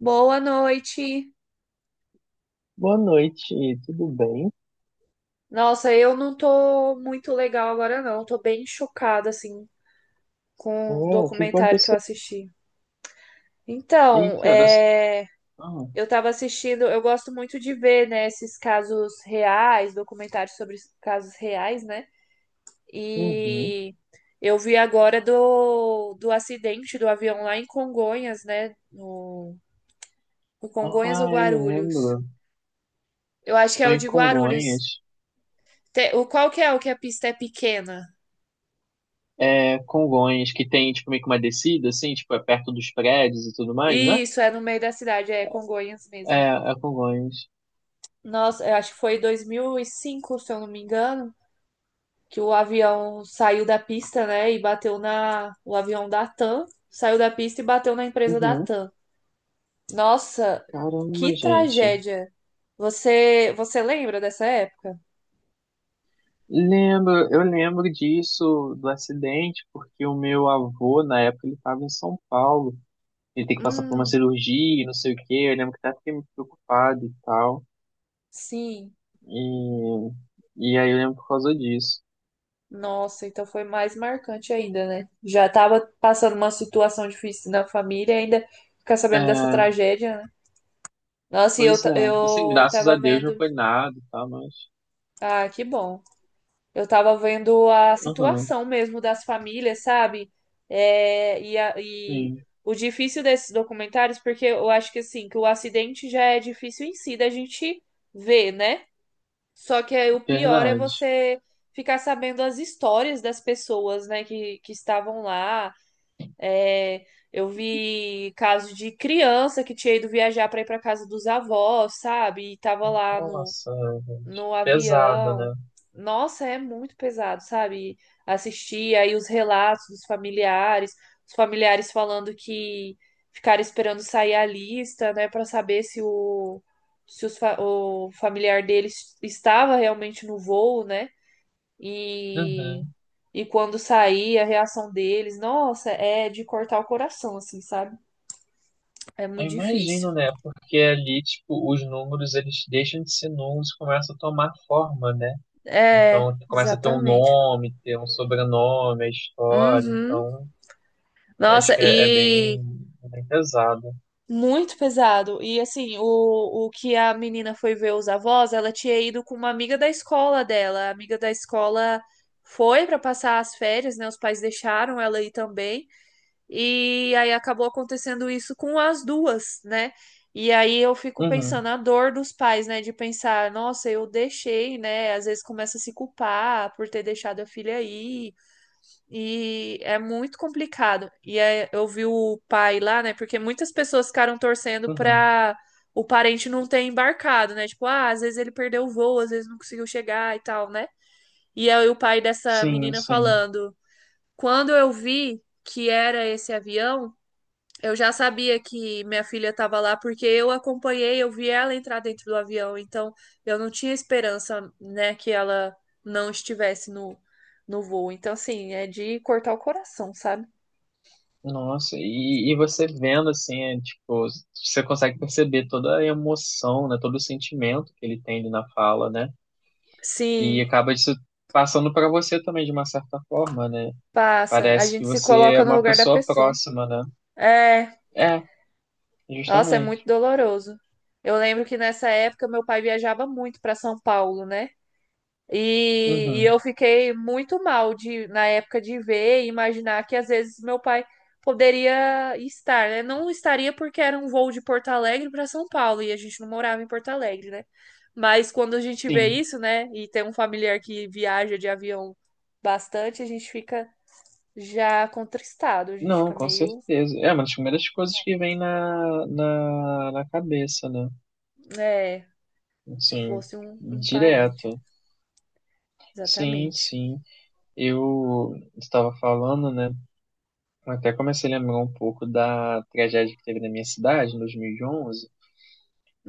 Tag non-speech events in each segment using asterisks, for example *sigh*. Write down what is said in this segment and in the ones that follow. Boa noite. Boa noite, tudo bem? Nossa, eu não tô muito legal agora, não. Tô bem chocada, assim, É, com o o que documentário que eu aconteceu? assisti. Então, Eita. É... Ah, eu tava assistindo, eu gosto muito de ver, né, esses casos reais, documentários sobre casos reais, né? uhum. E eu vi agora do acidente do avião lá em Congonhas, né? No, no Congonhas ou Ah, eu Guarulhos? lembro. Eu acho que é Foi o em de Guarulhos. Congonhas. O qual que é o que a pista é pequena? É, Congonhas, que tem, tipo, meio que uma descida, assim, tipo, é perto dos prédios e tudo mais, né? Isso, é no meio da cidade, é Congonhas É, mesmo. é Congonhas. Nossa, eu acho que foi 2005, se eu não me engano, que o avião saiu da pista, né, e bateu na... O avião da TAM saiu da pista e bateu na empresa da Uhum. TAM. Nossa, Caramba, que gente. tragédia. Você lembra dessa época? Lembro, eu lembro disso, do acidente, porque o meu avô, na época, ele estava em São Paulo. Ele tem que passar por uma Hum, cirurgia, e não sei o quê. Eu lembro que até fiquei muito preocupado e tal. sim. E, e aí eu lembro por causa disso. Nossa, então foi mais marcante ainda, né? Já tava passando uma situação difícil na família, ainda ficar sabendo dessa É, tragédia, né? Nossa, e pois é. Assim, eu graças a tava Deus não vendo. foi nada e tal, mas. Ah, que bom. Eu tava vendo a Aham, situação mesmo das famílias, sabe? E sim, o difícil desses documentários, porque eu acho que assim, que o acidente já é difícil em si da gente ver, né? Só que aí o pior é verdade. você ficar sabendo as histórias das pessoas, né, que estavam lá. É, eu vi caso de criança que tinha ido viajar para ir para casa dos avós, sabe? E tava lá Nossa, gente. no Pesada, avião. né? Nossa, é muito pesado, sabe? Assistir aí os relatos dos familiares, os familiares falando que ficaram esperando sair a lista, né, para saber se o se os fa- o familiar deles estava realmente no voo, né? E Uhum. e quando sair a reação deles, nossa, é de cortar o coração, assim, sabe? É Eu muito difícil. imagino, né? Porque ali, tipo, os números, eles deixam de ser números e começam a tomar forma, né? É, Então, começa a ter um exatamente. nome, ter um sobrenome, a história. Uhum. Então, acho Nossa, que é e bem, bem pesado. muito pesado. E assim, o que a menina foi ver os avós, ela tinha ido com uma amiga da escola dela. A amiga da escola foi para passar as férias, né? Os pais deixaram ela ir também. E aí acabou acontecendo isso com as duas, né? E aí eu fico Uhum, pensando a dor dos pais, né? De pensar, nossa, eu deixei, né? Às vezes começa a se culpar por ter deixado a filha aí. E é muito complicado. Eu vi o pai lá, né? Porque muitas pessoas ficaram torcendo uhum. pra o parente não ter embarcado, né? Tipo, ah, às vezes ele perdeu o voo, às vezes não conseguiu chegar e tal, né? E aí o pai dessa Sim, menina sim. falando: quando eu vi que era esse avião. Eu já sabia que minha filha estava lá porque eu acompanhei, eu vi ela entrar dentro do avião, então eu não tinha esperança, né, que ela não estivesse no voo. Então, assim, é de cortar o coração, sabe? Nossa, e você vendo assim, é, tipo, você consegue perceber toda a emoção, né, todo o sentimento que ele tem ali na fala, né? E Sim, acaba isso passando para você também de uma certa forma, né? passa. A Parece que gente se você é coloca no uma lugar da pessoa pessoa. próxima, né? É, É, nossa, é muito justamente. doloroso. Eu lembro que nessa época meu pai viajava muito para São Paulo, né? E Uhum. eu fiquei muito mal de, na época de ver e imaginar que às vezes meu pai poderia estar, né? Não estaria porque era um voo de Porto Alegre para São Paulo e a gente não morava em Porto Alegre, né? Mas quando a gente vê Sim. isso, né, e tem um familiar que viaja de avião bastante, a gente fica já contristado, a gente Não, fica com meio, certeza. É uma das primeiras coisas que vem na cabeça, né? né, se Assim, fosse um parente, direto. Sim, exatamente. sim. Eu estava falando, né? Eu até comecei a lembrar um pouco da tragédia que teve na minha cidade, em 2011,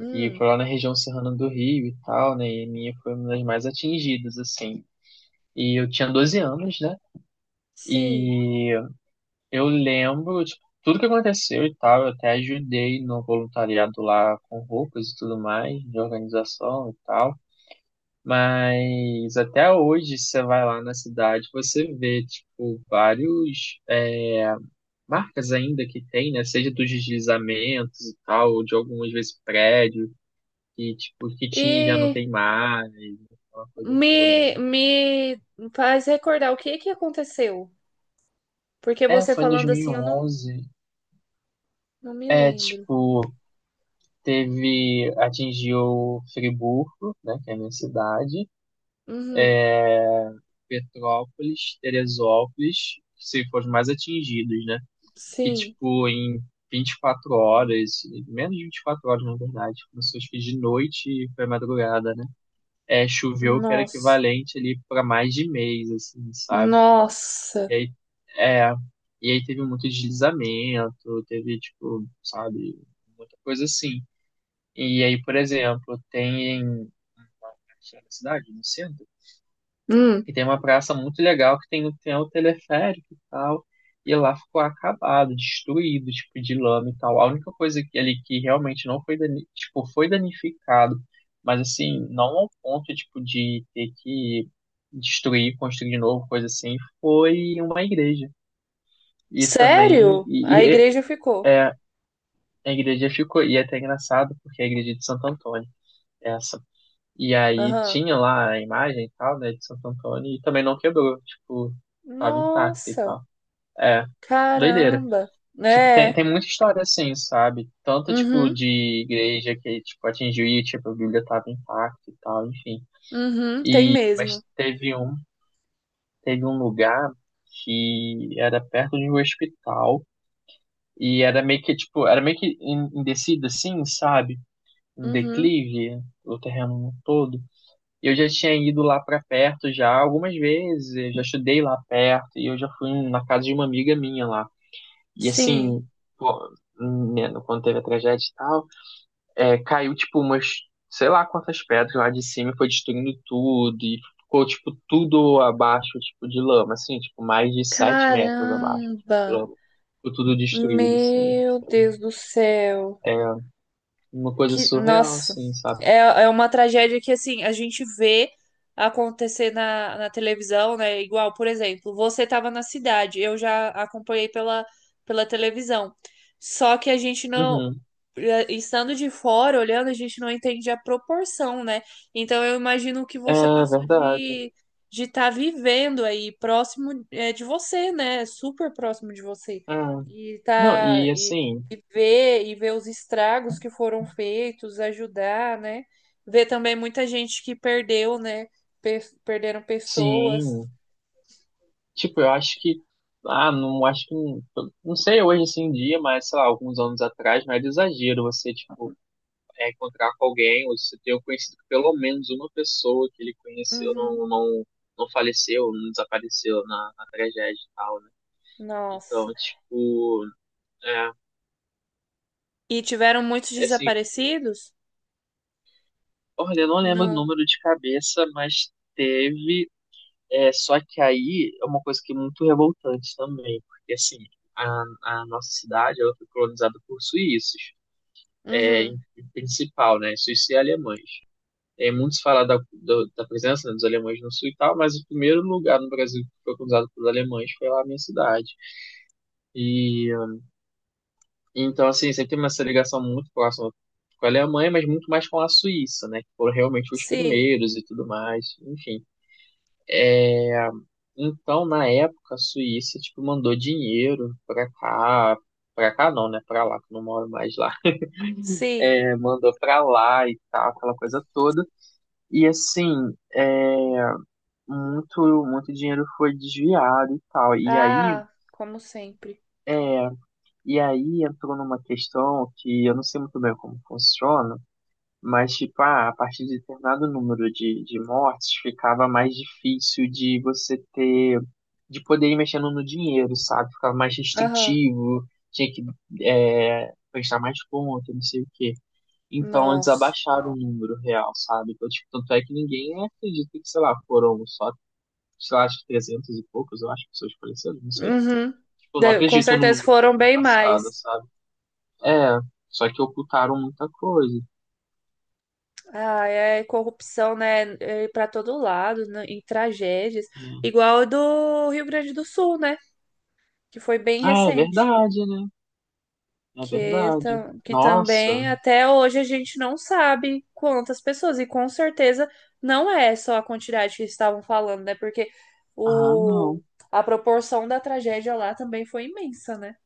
e foi lá na região serrana do Rio e tal, né? E a minha foi uma das mais atingidas, assim. E eu tinha 12 anos, né? sim. E eu lembro, tipo, tudo que aconteceu e tal. Eu até ajudei no voluntariado lá com roupas e tudo mais, de organização e tal. Mas até hoje, você vai lá na cidade, você vê, tipo, vários marcas ainda que tem, né? Seja dos deslizamentos e tal, ou de algumas vezes prédio, que, tipo, que tinha e já não E tem mais, aquela coisa toda, Me, né? me faz recordar o que que aconteceu. Porque É, você foi em dois falando mil e assim, eu não, onze não me É, lembro. tipo, teve, atingiu Friburgo, né, que é a minha cidade, Uhum, Petrópolis, Teresópolis, que se foram os mais atingidos, né? Que, sim. tipo, em 24 horas, menos de 24 horas, na verdade, começou acho que de noite e foi madrugada, né? É, choveu que era Nossa. equivalente ali para mais de mês, assim, sabe? Nossa. E aí, é, e aí teve muito deslizamento, teve, tipo, sabe, muita coisa assim. E aí, por exemplo, tem aqui na cidade, no centro. Hum, E tem uma praça muito legal que tem, o teleférico e tal. E lá ficou acabado, destruído, tipo, de lama e tal. A única coisa ali que realmente não foi, dani tipo, foi danificado, mas assim, não ao ponto, tipo, de ter que destruir, construir de novo, coisa assim, foi uma igreja. E também. sério? A igreja ficou. É, a igreja ficou, e é até engraçado, porque é a igreja de Santo Antônio, é essa e aí Aham. tinha lá a imagem e tal, né, de Santo Antônio, e também não quebrou, tipo, tava intacta e Nossa. tal. É, doideira. Caramba. Tipo, tem, É. tem muita história assim, sabe? Tanto, tipo, Uhum, de igreja que, tipo, atingiu e, tipo, a Bíblia tava intacta e tal, enfim. uhum, tem E, mesmo. mas teve um lugar que era perto de um hospital e era meio que, tipo, era meio que em descida assim, sabe? Um Uhum, declive, o terreno todo. Eu já tinha ido lá pra perto já algumas vezes, eu já estudei lá perto e eu já fui na casa de uma amiga minha lá. E sim. assim, pô, né, quando teve a tragédia e tal, caiu tipo umas, sei lá quantas pedras lá de cima e foi destruindo tudo e ficou tipo tudo abaixo, tipo de lama, assim, tipo mais de 7 metros abaixo tipo, de Caramba. lama. Ficou tudo destruído, assim. Meu Tipo, Deus do céu. é uma coisa Que, surreal, nossa, assim, sabe? É uma tragédia que, assim, a gente vê acontecer na televisão, né? Igual, por exemplo, você estava na cidade, eu já acompanhei pela, pela televisão. Só que a gente não, Uhum. eh, estando de fora, olhando, a gente não entende a proporção, né? Então, eu imagino o que É você passou verdade. De estar vivendo aí, próximo, eh, de você, né? Super próximo de você. É. E Não, tá. e E assim, e ver os estragos que foram feitos, ajudar, né? Ver também muita gente que perdeu, né? Perderam pessoas. sim, tipo, eu acho que, ah, não acho que, não sei hoje assim em dia, mas sei lá, alguns anos atrás não era exagero você, tipo, encontrar com alguém, ou você ter conhecido pelo menos uma pessoa que ele conheceu, Uhum. Não faleceu, não desapareceu na tragédia e tal, né? Nossa. Então, tipo, é, E tiveram muitos é assim, desaparecidos? olha, eu não E lembro o não. número de cabeça, mas teve. É, só que aí é uma coisa que é muito revoltante também, porque assim, a nossa cidade ela foi colonizada por suíços, é, Uhum. em, em principal, né? Suíços e alemães. É, muitos falam da, da presença, né, dos alemães no sul e tal, mas o primeiro lugar no Brasil que foi colonizado pelos alemães foi lá na minha cidade. E então, assim, sempre tem uma essa ligação muito próxima com a Alemanha, mas muito mais com a Suíça, né? Que foram realmente os Sim, primeiros e tudo mais, enfim. Então, na época, a Suíça, tipo, mandou dinheiro pra cá não, né? Pra lá, que eu não moro mais lá. sim. É, mandou pra lá e tal, aquela coisa toda. E assim, muito, muito dinheiro foi desviado e tal. Ah, como sempre. é, e aí entrou numa questão que eu não sei muito bem como funciona. Mas, tipo, ah, a partir de determinado número de mortes, ficava mais difícil de você ter, de poder ir mexendo no dinheiro, sabe? Ficava mais Aham. restritivo, tinha que prestar mais conta, não sei o quê. Então, eles Nossa. abaixaram o número real, sabe? Então, tipo, tanto é que ninguém acredita que, sei lá, foram só, sei lá, acho que 300 e poucos, eu acho, pessoas faleceram, não sei. Uhum. Tipo, não Com acredito no certeza número que foram foi bem passado, mais. sabe? É, só que ocultaram muita coisa. Ah, é corrupção, né? É para todo lado, né, em tragédias. Hum. Igual a do Rio Grande do Sul, né? Que foi bem Ah, é recente. verdade, né? É Que, verdade. Que Nossa. também até hoje a gente não sabe quantas pessoas. E com certeza não é só a quantidade que estavam falando, né? Porque Ah, o... não. a proporção da tragédia lá também foi imensa, né?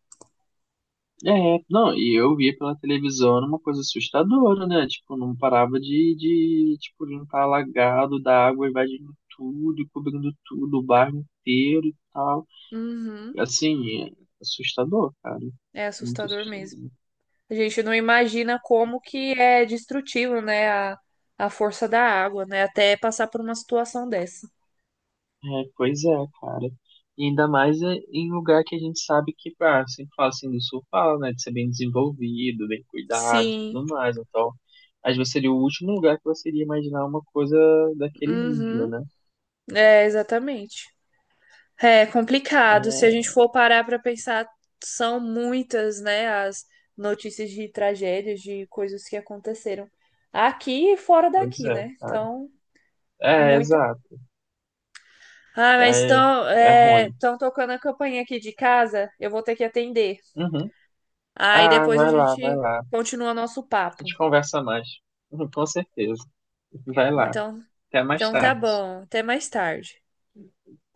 É, não, e eu via pela televisão era uma coisa assustadora, né? Tipo, não parava de tipo, de não estar alagado da água invadindo tudo, e cobrindo tudo, o bairro inteiro e tal. Uhum. Assim, é assustador, cara. É Muito assustador mesmo. assustador. A gente não imagina como que é destrutivo, né, a força da água, né, até passar por uma situação dessa. É, pois é, cara. E ainda mais é em lugar que a gente sabe que, ah, sempre fala assim do sul, fala, né, de ser bem desenvolvido, bem cuidado e Sim, tudo mais. Então, às vezes seria o último lugar que você iria imaginar uma coisa daquele nível, uhum, né? é, exatamente. É complicado, se a gente É, for parar para pensar, são muitas, né, as notícias de tragédias, de coisas que aconteceram aqui e fora pois daqui, é, né, cara. então, É, muita... exato. Ah, mas É, é ruim. tão tocando a campainha aqui de casa, eu vou ter que atender. Uhum. Aí Ah, depois a vai lá, vai gente lá. A continua nosso papo. gente conversa mais. *laughs* com certeza. Vai lá. Então, Até mais então tá tarde. bom. Até mais tarde.